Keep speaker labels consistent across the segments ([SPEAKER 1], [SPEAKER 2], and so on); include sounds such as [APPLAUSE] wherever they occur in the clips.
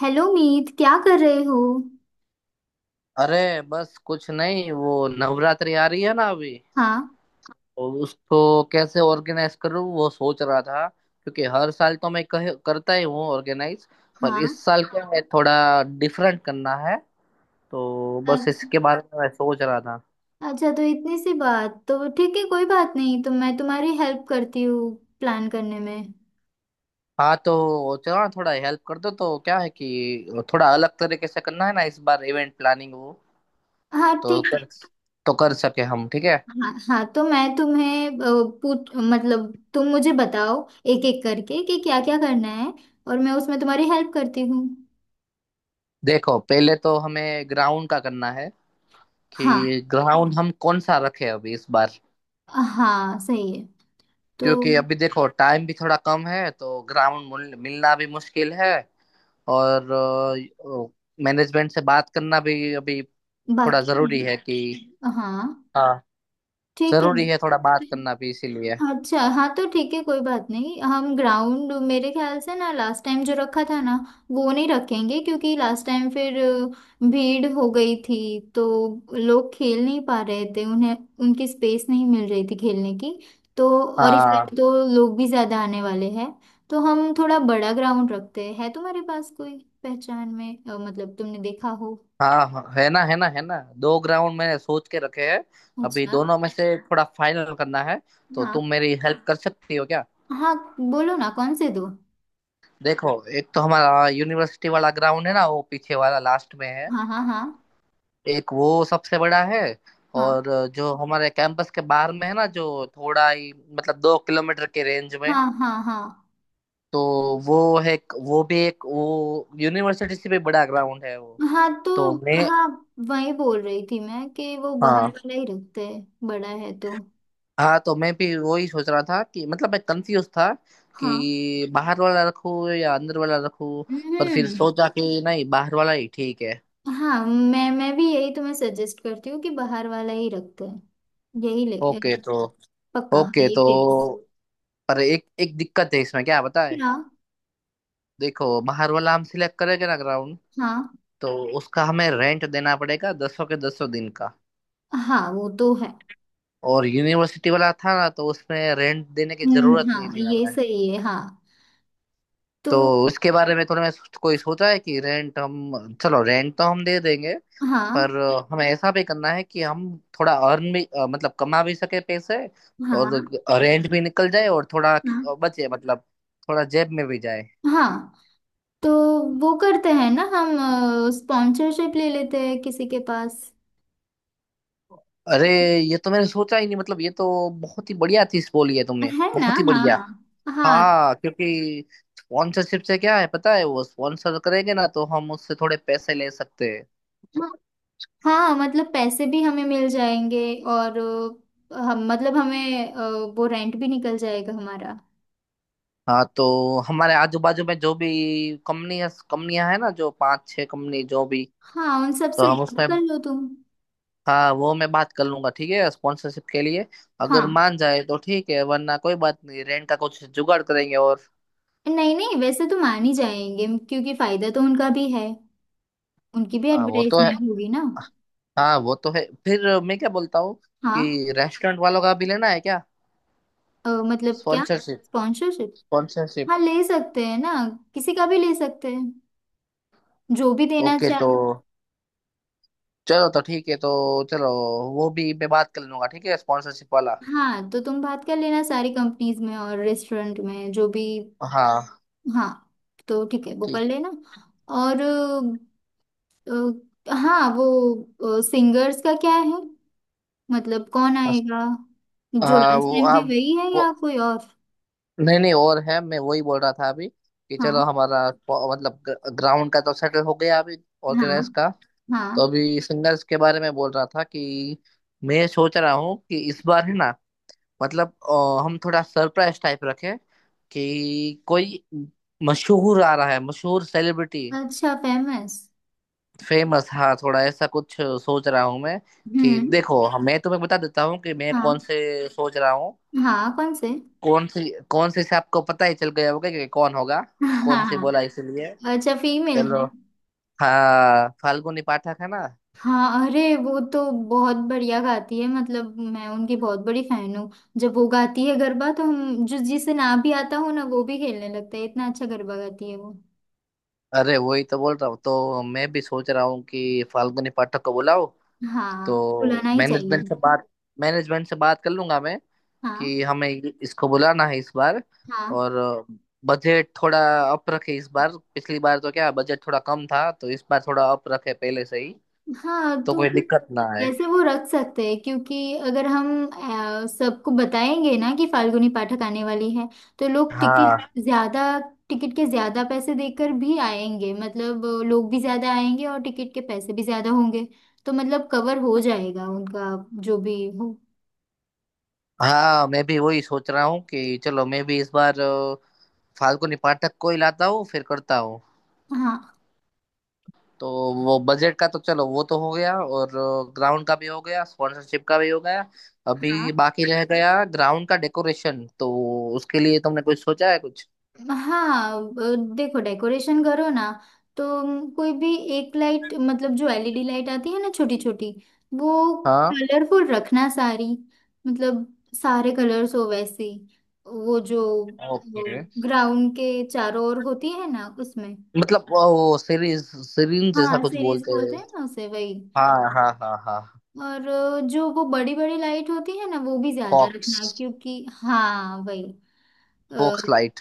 [SPEAKER 1] Hello Meet, क्या कर रहे हो?
[SPEAKER 2] अरे, बस कुछ नहीं वो नवरात्रि आ रही है ना अभी।
[SPEAKER 1] हाँ।
[SPEAKER 2] और उसको कैसे ऑर्गेनाइज करूँ वो सोच रहा था क्योंकि हर साल तो मैं करता ही हूँ ऑर्गेनाइज। पर इस
[SPEAKER 1] हाँ,
[SPEAKER 2] साल को मैं थोड़ा डिफरेंट करना है, तो बस
[SPEAKER 1] अच्छा।
[SPEAKER 2] इसके बारे में मैं सोच रहा था।
[SPEAKER 1] अच्छा तो इतनी सी बात, तो ठीक है, कोई बात नहीं, तो मैं तुम्हारी हेल्प करती हूँ प्लान करने में।
[SPEAKER 2] हाँ तो चलो ना थोड़ा हेल्प कर दो। तो क्या है कि थोड़ा अलग तरीके से करना है ना इस बार इवेंट प्लानिंग, वो
[SPEAKER 1] हाँ
[SPEAKER 2] तो
[SPEAKER 1] ठीक
[SPEAKER 2] कर
[SPEAKER 1] है।
[SPEAKER 2] तो कर सके हम, ठीक है।
[SPEAKER 1] हाँ हाँ तो मैं तुम्हें पूछ मतलब तुम मुझे बताओ एक एक करके कि क्या क्या करना है, और मैं उसमें तुम्हारी हेल्प करती हूँ।
[SPEAKER 2] देखो पहले तो हमें ग्राउंड का करना है
[SPEAKER 1] हाँ
[SPEAKER 2] कि ग्राउंड हम कौन सा रखे अभी इस बार।
[SPEAKER 1] हाँ सही है। तो
[SPEAKER 2] क्योंकि अभी देखो टाइम भी थोड़ा कम है तो ग्राउंड मिलना भी मुश्किल है। और मैनेजमेंट से बात करना भी अभी थोड़ा
[SPEAKER 1] बाकी है।
[SPEAKER 2] जरूरी है कि
[SPEAKER 1] हाँ
[SPEAKER 2] हाँ,
[SPEAKER 1] ठीक है।
[SPEAKER 2] जरूरी है थोड़ा बात करना भी इसीलिए।
[SPEAKER 1] अच्छा हाँ, तो ठीक है कोई बात नहीं। हम ग्राउंड मेरे ख्याल से ना लास्ट टाइम जो रखा था ना, वो नहीं रखेंगे, क्योंकि लास्ट टाइम फिर भीड़ हो गई थी, तो लोग खेल नहीं पा रहे थे, उन्हें उनकी स्पेस नहीं मिल रही थी खेलने की। तो और इस
[SPEAKER 2] हाँ
[SPEAKER 1] बार तो लोग भी ज़्यादा आने वाले हैं, तो हम थोड़ा बड़ा ग्राउंड रखते हैं। है तुम्हारे पास कोई पहचान में मतलब तुमने देखा हो?
[SPEAKER 2] हाँ हाँ, है ना है ना है ना। दो ग्राउंड मैंने सोच के रखे हैं। अभी
[SPEAKER 1] अच्छा।
[SPEAKER 2] दोनों में से थोड़ा फाइनल करना है, तो
[SPEAKER 1] हाँ
[SPEAKER 2] तुम मेरी हेल्प कर सकती हो क्या।
[SPEAKER 1] हाँ, बोलो ना कौन से दो।
[SPEAKER 2] देखो, एक तो हमारा यूनिवर्सिटी वाला ग्राउंड है ना, वो पीछे वाला लास्ट में है।
[SPEAKER 1] हाँ हाँ हाँ।
[SPEAKER 2] एक वो सबसे बड़ा है।
[SPEAKER 1] हाँ।
[SPEAKER 2] और जो हमारे कैंपस के बाहर में है ना, जो थोड़ा ही मतलब 2 किलोमीटर के रेंज में।
[SPEAKER 1] हाँ हाँ। हाँ
[SPEAKER 2] तो वो है वो यूनिवर्सिटी से भी बड़ा ग्राउंड है वो।
[SPEAKER 1] हाँ तो।
[SPEAKER 2] तो मैं
[SPEAKER 1] हाँ वही बोल रही थी मैं कि वो बाहर
[SPEAKER 2] हाँ
[SPEAKER 1] वाला ही रखते हैं, बड़ा है तो।
[SPEAKER 2] हाँ, तो मैं भी वही सोच रहा था कि मतलब मैं कंफ्यूज था
[SPEAKER 1] हाँ।
[SPEAKER 2] कि बाहर वाला रखूँ या अंदर वाला रखूँ। पर फिर
[SPEAKER 1] हम्म।
[SPEAKER 2] सोचा कि नहीं, बाहर वाला ही ठीक है।
[SPEAKER 1] हाँ मैं भी यही तुम्हें सजेस्ट करती हूँ कि बाहर वाला ही रखते हैं। यही ले
[SPEAKER 2] ओके तो
[SPEAKER 1] पक्का, हाँ
[SPEAKER 2] ओके
[SPEAKER 1] ये
[SPEAKER 2] तो,
[SPEAKER 1] फिक्स।
[SPEAKER 2] पर एक एक दिक्कत है इसमें, क्या बताए।
[SPEAKER 1] हाँ।
[SPEAKER 2] देखो, बाहर वाला हम सिलेक्ट करेंगे ना ग्राउंड,
[SPEAKER 1] हाँ।
[SPEAKER 2] तो उसका हमें रेंट देना पड़ेगा दस सौ के, दस सौ दिन का।
[SPEAKER 1] हाँ वो तो है।
[SPEAKER 2] और यूनिवर्सिटी वाला था ना तो उसमें रेंट देने की जरूरत नहीं
[SPEAKER 1] हाँ,
[SPEAKER 2] थी
[SPEAKER 1] ये
[SPEAKER 2] हमें।
[SPEAKER 1] सही है। हाँ तो।
[SPEAKER 2] तो उसके बारे में थोड़ा मैं कोई सोचा है कि रेंट हम, चलो रेंट तो हम दे देंगे।
[SPEAKER 1] हाँ।
[SPEAKER 2] पर हमें ऐसा भी करना है कि हम थोड़ा मतलब कमा भी सके पैसे। और
[SPEAKER 1] हाँ।
[SPEAKER 2] रेंट भी निकल जाए और थोड़ा
[SPEAKER 1] हाँ
[SPEAKER 2] बचे, मतलब थोड़ा जेब में भी जाए।
[SPEAKER 1] हाँ, तो वो करते हैं ना हम, स्पॉन्सरशिप ले लेते हैं किसी के पास।
[SPEAKER 2] अरे, ये तो मैंने सोचा ही नहीं। मतलब ये तो बहुत ही बढ़िया चीज बोली है तुमने,
[SPEAKER 1] है ना।
[SPEAKER 2] बहुत ही
[SPEAKER 1] हाँ।
[SPEAKER 2] बढ़िया।
[SPEAKER 1] हाँ।
[SPEAKER 2] हाँ क्योंकि स्पॉन्सरशिप से क्या है पता है, वो स्पॉन्सर करेंगे ना तो हम उससे थोड़े पैसे ले सकते हैं।
[SPEAKER 1] हाँ हाँ, मतलब पैसे भी हमें मिल जाएंगे। और हम मतलब हमें वो रेंट भी निकल जाएगा हमारा।
[SPEAKER 2] हाँ तो हमारे आजू बाजू में जो भी कंपनियां कंपनियां है ना, जो पांच छह कंपनी जो भी।
[SPEAKER 1] हाँ उन सब
[SPEAKER 2] तो
[SPEAKER 1] से
[SPEAKER 2] हम
[SPEAKER 1] बात
[SPEAKER 2] उसमें,
[SPEAKER 1] कर लो तुम।
[SPEAKER 2] हाँ वो मैं बात कर लूंगा, ठीक है, स्पॉन्सरशिप के लिए। अगर
[SPEAKER 1] हाँ।
[SPEAKER 2] मान जाए तो ठीक है, वरना कोई बात नहीं, रेंट का कुछ जुगाड़ करेंगे। और
[SPEAKER 1] नहीं नहीं, वैसे तो मान ही जाएंगे क्योंकि फायदा तो उनका भी है, उनकी भी
[SPEAKER 2] हाँ, वो तो है।
[SPEAKER 1] एडवर्टाइजमेंट होगी ना।
[SPEAKER 2] हाँ वो तो है। फिर मैं क्या बोलता हूँ
[SPEAKER 1] हाँ।
[SPEAKER 2] कि रेस्टोरेंट वालों का भी लेना है क्या।
[SPEAKER 1] मतलब क्या?
[SPEAKER 2] स्पॉन्सरशिप।
[SPEAKER 1] स्पॉन्सरशिप।
[SPEAKER 2] स्पॉन्सरशिप।
[SPEAKER 1] हाँ ले सकते हैं ना, किसी का भी ले सकते हैं, जो भी देना
[SPEAKER 2] ओके तो
[SPEAKER 1] चाहे।
[SPEAKER 2] चलो, तो ठीक है, तो चलो वो भी मैं बात कर लूंगा, ठीक है, स्पॉन्सरशिप वाला।
[SPEAKER 1] हाँ तो तुम बात कर लेना सारी कंपनीज में और रेस्टोरेंट में जो भी।
[SPEAKER 2] हाँ,
[SPEAKER 1] हाँ। तो ठीक है, वो कर
[SPEAKER 2] ठीक।
[SPEAKER 1] लेना। और हाँ, वो सिंगर्स का क्या है, मतलब कौन
[SPEAKER 2] बस
[SPEAKER 1] आएगा? जो
[SPEAKER 2] हाँ
[SPEAKER 1] लास्ट
[SPEAKER 2] वो
[SPEAKER 1] टाइम थे
[SPEAKER 2] आप
[SPEAKER 1] वही है
[SPEAKER 2] वो,
[SPEAKER 1] या कोई और?
[SPEAKER 2] नहीं नहीं, और है, मैं वही बोल रहा था अभी कि चलो
[SPEAKER 1] हाँ।
[SPEAKER 2] हमारा मतलब ग्राउंड का तो सेटल हो गया अभी, ऑर्गेनाइज
[SPEAKER 1] हाँ।
[SPEAKER 2] का। तो
[SPEAKER 1] हाँ।
[SPEAKER 2] अभी सिंगर्स के बारे में बोल रहा था कि मैं सोच रहा हूँ कि इस बार है ना, हम थोड़ा सरप्राइज टाइप रखें कि कोई मशहूर आ रहा है, मशहूर सेलिब्रिटी।
[SPEAKER 1] अच्छा, फेमस।
[SPEAKER 2] फेमस, हाँ, थोड़ा ऐसा कुछ सोच रहा हूँ मैं। कि
[SPEAKER 1] हम्म।
[SPEAKER 2] देखो मैं तुम्हें बता देता हूँ कि मैं कौन
[SPEAKER 1] हाँ।
[SPEAKER 2] से सोच रहा हूँ।
[SPEAKER 1] हाँ कौन से [LAUGHS]
[SPEAKER 2] कौन सी। कौन सी से आपको पता ही चल गया होगा कि कौन होगा।
[SPEAKER 1] हाँ हाँ,
[SPEAKER 2] कौन सी बोला
[SPEAKER 1] हाँ।
[SPEAKER 2] इसलिए।
[SPEAKER 1] अच्छा, फीमेल
[SPEAKER 2] चलो,
[SPEAKER 1] है।
[SPEAKER 2] हाँ, फाल्गुनी पाठक है ना।
[SPEAKER 1] हाँ अरे, वो तो बहुत बढ़िया गाती है, मतलब मैं उनकी बहुत बड़ी फैन हूँ। जब वो गाती है गरबा तो हम, जो जिसे ना भी आता हो ना, वो भी खेलने लगता है। इतना अच्छा गरबा गाती है वो।
[SPEAKER 2] अरे वही तो बोल रहा हूँ, तो मैं भी सोच रहा हूँ कि फाल्गुनी पाठक को बुलाओ।
[SPEAKER 1] हाँ,
[SPEAKER 2] तो
[SPEAKER 1] बुलाना ही चाहिए।
[SPEAKER 2] मैनेजमेंट से बात कर लूंगा मैं
[SPEAKER 1] हाँ।
[SPEAKER 2] कि हमें इसको बुलाना है इस बार।
[SPEAKER 1] हाँ।
[SPEAKER 2] और बजट थोड़ा अप रखे इस बार, पिछली बार तो क्या बजट थोड़ा कम था, तो इस बार थोड़ा अप रखे पहले से ही,
[SPEAKER 1] हाँ
[SPEAKER 2] तो
[SPEAKER 1] तो
[SPEAKER 2] कोई दिक्कत ना आए।
[SPEAKER 1] वैसे वो रख सकते हैं, क्योंकि अगर हम सबको बताएंगे ना कि फाल्गुनी पाठक आने वाली है, तो लोग
[SPEAKER 2] हाँ
[SPEAKER 1] टिकट ज्यादा, टिकट के ज्यादा पैसे देकर भी आएंगे। मतलब लोग भी ज्यादा आएंगे और टिकट के पैसे भी ज्यादा होंगे, तो मतलब कवर हो जाएगा उनका, जो भी हो।
[SPEAKER 2] हाँ, मैं भी वही सोच रहा हूँ कि चलो मैं भी इस बार फाल्गुनी पाठक को ही लाता हूँ, फिर करता हूँ।
[SPEAKER 1] हाँ।
[SPEAKER 2] तो वो बजट का तो चलो वो तो हो गया, और ग्राउंड का भी हो गया, स्पॉन्सरशिप का भी हो गया। अभी
[SPEAKER 1] हाँ।
[SPEAKER 2] बाकी रह गया ग्राउंड का डेकोरेशन, तो उसके लिए तुमने कुछ सोचा है कुछ।
[SPEAKER 1] हाँ देखो, डेकोरेशन करो ना, तो कोई भी एक लाइट, मतलब जो एलईडी लाइट आती है ना छोटी छोटी, वो
[SPEAKER 2] हाँ
[SPEAKER 1] कलरफुल रखना सारी, मतलब सारे कलर्स हो वैसी। वो जो
[SPEAKER 2] ओके,
[SPEAKER 1] ग्राउंड के चारों ओर होती है ना, उसमें।
[SPEAKER 2] मतलब वो सीरीज सीरीन जैसा
[SPEAKER 1] हाँ
[SPEAKER 2] कुछ
[SPEAKER 1] सीरीज
[SPEAKER 2] बोलते
[SPEAKER 1] बोलते
[SPEAKER 2] हैं।
[SPEAKER 1] हैं ना उसे, वही।
[SPEAKER 2] हाँ हाँ हाँ हाँ।
[SPEAKER 1] और जो वो बड़ी बड़ी लाइट होती है ना, वो भी ज्यादा
[SPEAKER 2] फॉक्स।
[SPEAKER 1] रखना क्योंकि, हाँ वही।
[SPEAKER 2] Focus light.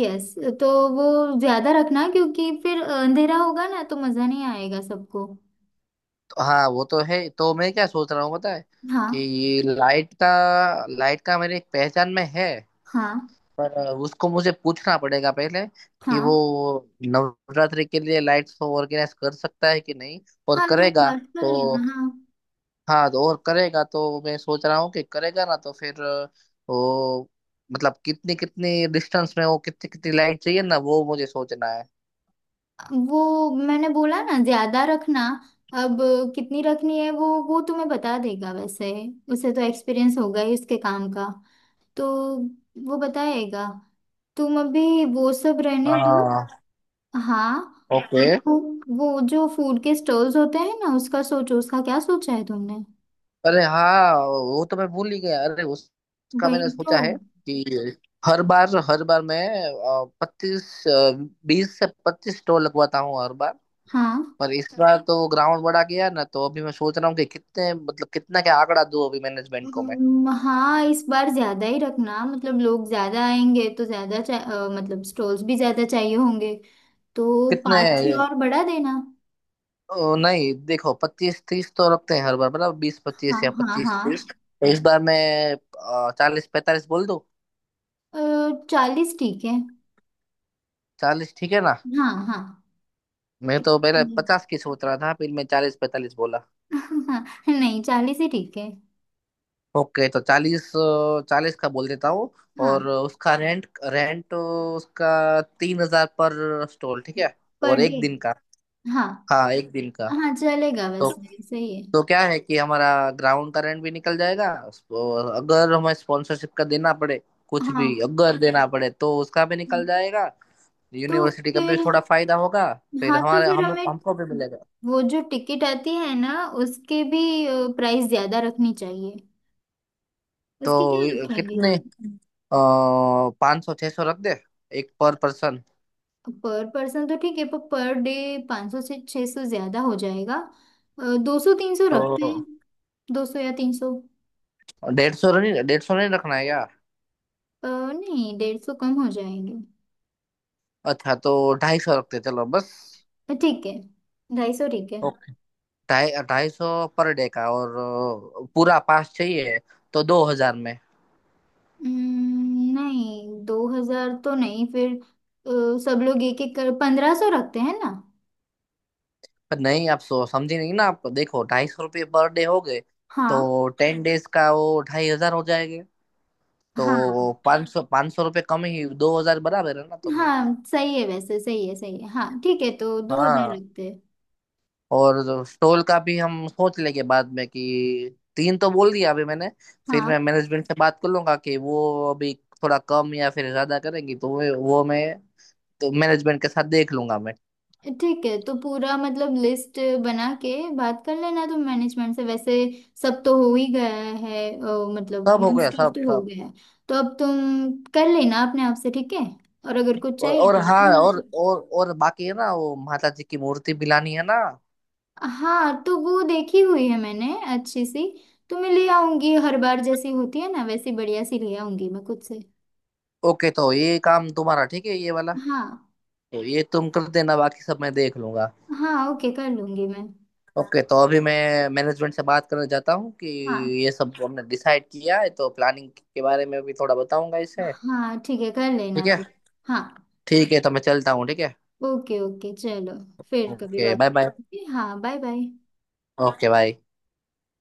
[SPEAKER 1] यस। तो वो ज्यादा रखना, क्योंकि फिर अंधेरा होगा ना तो मजा नहीं आएगा सबको।
[SPEAKER 2] हाँ वो तो है। तो मैं क्या सोच रहा हूँ पता है,
[SPEAKER 1] हाँ।
[SPEAKER 2] कि ये लाइट का मेरे एक पहचान में है।
[SPEAKER 1] हाँ।
[SPEAKER 2] पर उसको मुझे पूछना पड़ेगा पहले कि
[SPEAKER 1] हाँ,
[SPEAKER 2] वो नवरात्रि के लिए लाइट्स को ऑर्गेनाइज कर सकता है कि नहीं, और
[SPEAKER 1] हाँ तुम
[SPEAKER 2] करेगा।
[SPEAKER 1] बात कर
[SPEAKER 2] तो
[SPEAKER 1] लेना। हाँ
[SPEAKER 2] हाँ, तो और करेगा तो मैं सोच रहा हूँ कि करेगा ना तो फिर वो, मतलब कितनी कितनी डिस्टेंस में वो कितनी कितनी लाइट चाहिए ना, वो मुझे सोचना है।
[SPEAKER 1] वो मैंने बोला ना ज्यादा रखना। अब कितनी रखनी है वो तुम्हें बता देगा वैसे। उसे तो एक्सपीरियंस होगा ही उसके काम का, तो वो बताएगा। तुम अभी वो सब रहने दो।
[SPEAKER 2] हाँ,
[SPEAKER 1] हाँ।
[SPEAKER 2] ओके।
[SPEAKER 1] और वो जो फूड के स्टॉल्स होते हैं ना, उसका सोचो, उसका क्या सोचा है तुमने?
[SPEAKER 2] अरे हाँ, वो तो मैं भूल ही गया। अरे उसका मैंने
[SPEAKER 1] वही तो।
[SPEAKER 2] सोचा है कि हर बार, हर बार मैं पच्चीस 20 से 25 स्टॉल लगवाता हूँ हर बार।
[SPEAKER 1] हाँ।
[SPEAKER 2] पर इस बार तो ग्राउंड बड़ा गया ना, तो अभी मैं सोच रहा हूँ कि कितने, मतलब कितना क्या आंकड़ा दूं अभी मैनेजमेंट को मैं।
[SPEAKER 1] हाँ इस बार ज्यादा ही रखना, मतलब लोग ज्यादा आएंगे तो ज्यादा मतलब स्टॉल्स भी ज्यादा चाहिए होंगे। तो
[SPEAKER 2] कितने,
[SPEAKER 1] 5 छः और बढ़ा देना।
[SPEAKER 2] ओ, नहीं देखो, 25-30 तो रखते हैं हर बार बराबर, बीस
[SPEAKER 1] हाँ।
[SPEAKER 2] पच्चीस या
[SPEAKER 1] हाँ।
[SPEAKER 2] पच्चीस
[SPEAKER 1] हाँ,
[SPEAKER 2] तीस तो इस बार मैं 40-45 बोल दूं।
[SPEAKER 1] 40 ठीक है।
[SPEAKER 2] 40 ठीक है ना।
[SPEAKER 1] हाँ हाँ
[SPEAKER 2] मैं तो पहले
[SPEAKER 1] इतने।
[SPEAKER 2] 50 की सोच रहा था, फिर मैं 40-45 बोला।
[SPEAKER 1] [LAUGHS] हाँ नहीं, 40 ही ठीक है।
[SPEAKER 2] ओके तो 40, 40 का बोल देता हूँ।
[SPEAKER 1] हाँ,
[SPEAKER 2] और उसका रेंट रेंट उसका 3000 पर स्टॉल, ठीक है,
[SPEAKER 1] पर
[SPEAKER 2] और एक
[SPEAKER 1] डे।
[SPEAKER 2] दिन का।
[SPEAKER 1] हाँ।
[SPEAKER 2] हाँ, एक दिन का।
[SPEAKER 1] हाँ चलेगा,
[SPEAKER 2] तो
[SPEAKER 1] वैसे सही है।
[SPEAKER 2] तो क्या है कि हमारा ग्राउंड का रेंट भी निकल जाएगा। और अगर हमें स्पॉन्सरशिप का देना पड़े, कुछ भी
[SPEAKER 1] हाँ
[SPEAKER 2] अगर देना पड़े, तो उसका भी निकल जाएगा।
[SPEAKER 1] तो
[SPEAKER 2] यूनिवर्सिटी का भी
[SPEAKER 1] फिर।
[SPEAKER 2] थोड़ा फायदा होगा। फिर
[SPEAKER 1] हाँ तो
[SPEAKER 2] हमारे
[SPEAKER 1] फिर
[SPEAKER 2] हम
[SPEAKER 1] हमें,
[SPEAKER 2] हमको भी मिलेगा।
[SPEAKER 1] वो जो टिकट आती है ना, उसके भी प्राइस ज्यादा रखनी चाहिए। उसके क्या
[SPEAKER 2] तो
[SPEAKER 1] रखेंगे?
[SPEAKER 2] कितने, 500-600 रख दे एक पर पर्सन।
[SPEAKER 1] पर पर्सन तो ठीक है पर डे 500 से 600 ज्यादा हो जाएगा। 200 300
[SPEAKER 2] तो
[SPEAKER 1] रखते हैं। 200 या 300।
[SPEAKER 2] 150 नहीं, 150 नहीं रखना है यार।
[SPEAKER 1] नहीं, 150 कम हो जाएंगे।
[SPEAKER 2] अच्छा तो 250 रखते हैं, चलो बस।
[SPEAKER 1] ठीक है, 250 ठीक है।
[SPEAKER 2] ओके, ढाई 250 पर डे का, और पूरा पास चाहिए तो 2000 में।
[SPEAKER 1] नहीं 2000 तो नहीं फिर। सब लोग एक एक कर 1500 रखते हैं ना।
[SPEAKER 2] पर नहीं, आप सो समझे नहीं ना आप। देखो, 250 रुपये पर डे हो गए।
[SPEAKER 1] हाँ।
[SPEAKER 2] तो 10 days का वो 2500 हो जाएंगे।
[SPEAKER 1] हाँ।
[SPEAKER 2] तो 500, 500 रुपये कम ही 2000, बराबर है ना, तो फिर
[SPEAKER 1] हाँ सही है, वैसे सही है, सही है। हाँ ठीक है, तो 2000
[SPEAKER 2] हाँ।
[SPEAKER 1] लगते हैं।
[SPEAKER 2] और स्टॉल का भी हम सोच लेंगे बाद में कि तीन तो बोल दिया अभी मैंने। फिर
[SPEAKER 1] हाँ
[SPEAKER 2] मैं मैनेजमेंट से बात कर लूंगा कि वो अभी थोड़ा कम या फिर ज्यादा करेंगी तो वो मैं, तो मैनेजमेंट के साथ देख लूंगा मैं।
[SPEAKER 1] ठीक है, तो पूरा मतलब लिस्ट बना के बात कर लेना तुम मैनेजमेंट से वैसे। सब तो हो ही गया है, मतलब
[SPEAKER 2] सब हो गया,
[SPEAKER 1] मोस्ट ऑफ
[SPEAKER 2] सब
[SPEAKER 1] तो हो
[SPEAKER 2] सब।
[SPEAKER 1] गया है। तो अब तुम कर लेना अपने आप से, ठीक है, और अगर कुछ चाहिए
[SPEAKER 2] और
[SPEAKER 1] तो बता
[SPEAKER 2] हाँ,
[SPEAKER 1] लेना।
[SPEAKER 2] और बाकी है ना वो माता जी की मूर्ति भी लानी है ना।
[SPEAKER 1] हाँ तो वो देखी हुई है मैंने, अच्छी सी। तो मैं ले आऊंगी, हर बार जैसी होती है ना वैसी बढ़िया सी ले आऊंगी मैं खुद से।
[SPEAKER 2] ओके तो ये काम तुम्हारा, ठीक है ये वाला,
[SPEAKER 1] हाँ।
[SPEAKER 2] तो ये तुम कर देना, बाकी सब मैं देख लूंगा।
[SPEAKER 1] हाँ ओके, कर लूंगी मैं।
[SPEAKER 2] ओके तो अभी मैं मैनेजमेंट से बात करने जाता हूँ कि
[SPEAKER 1] हाँ।
[SPEAKER 2] ये सब हमने डिसाइड किया है, तो प्लानिंग के बारे में भी थोड़ा बताऊंगा इसे।
[SPEAKER 1] हाँ ठीक है, कर लेना
[SPEAKER 2] ठीक है।
[SPEAKER 1] तू। हाँ।
[SPEAKER 2] ठीक है, तो मैं चलता हूँ, ठीक है।
[SPEAKER 1] ओके ओके, चलो फिर कभी
[SPEAKER 2] ओके
[SPEAKER 1] बात
[SPEAKER 2] बाय बाय।
[SPEAKER 1] करते हैं। हाँ बाय बाय।
[SPEAKER 2] Okay bye.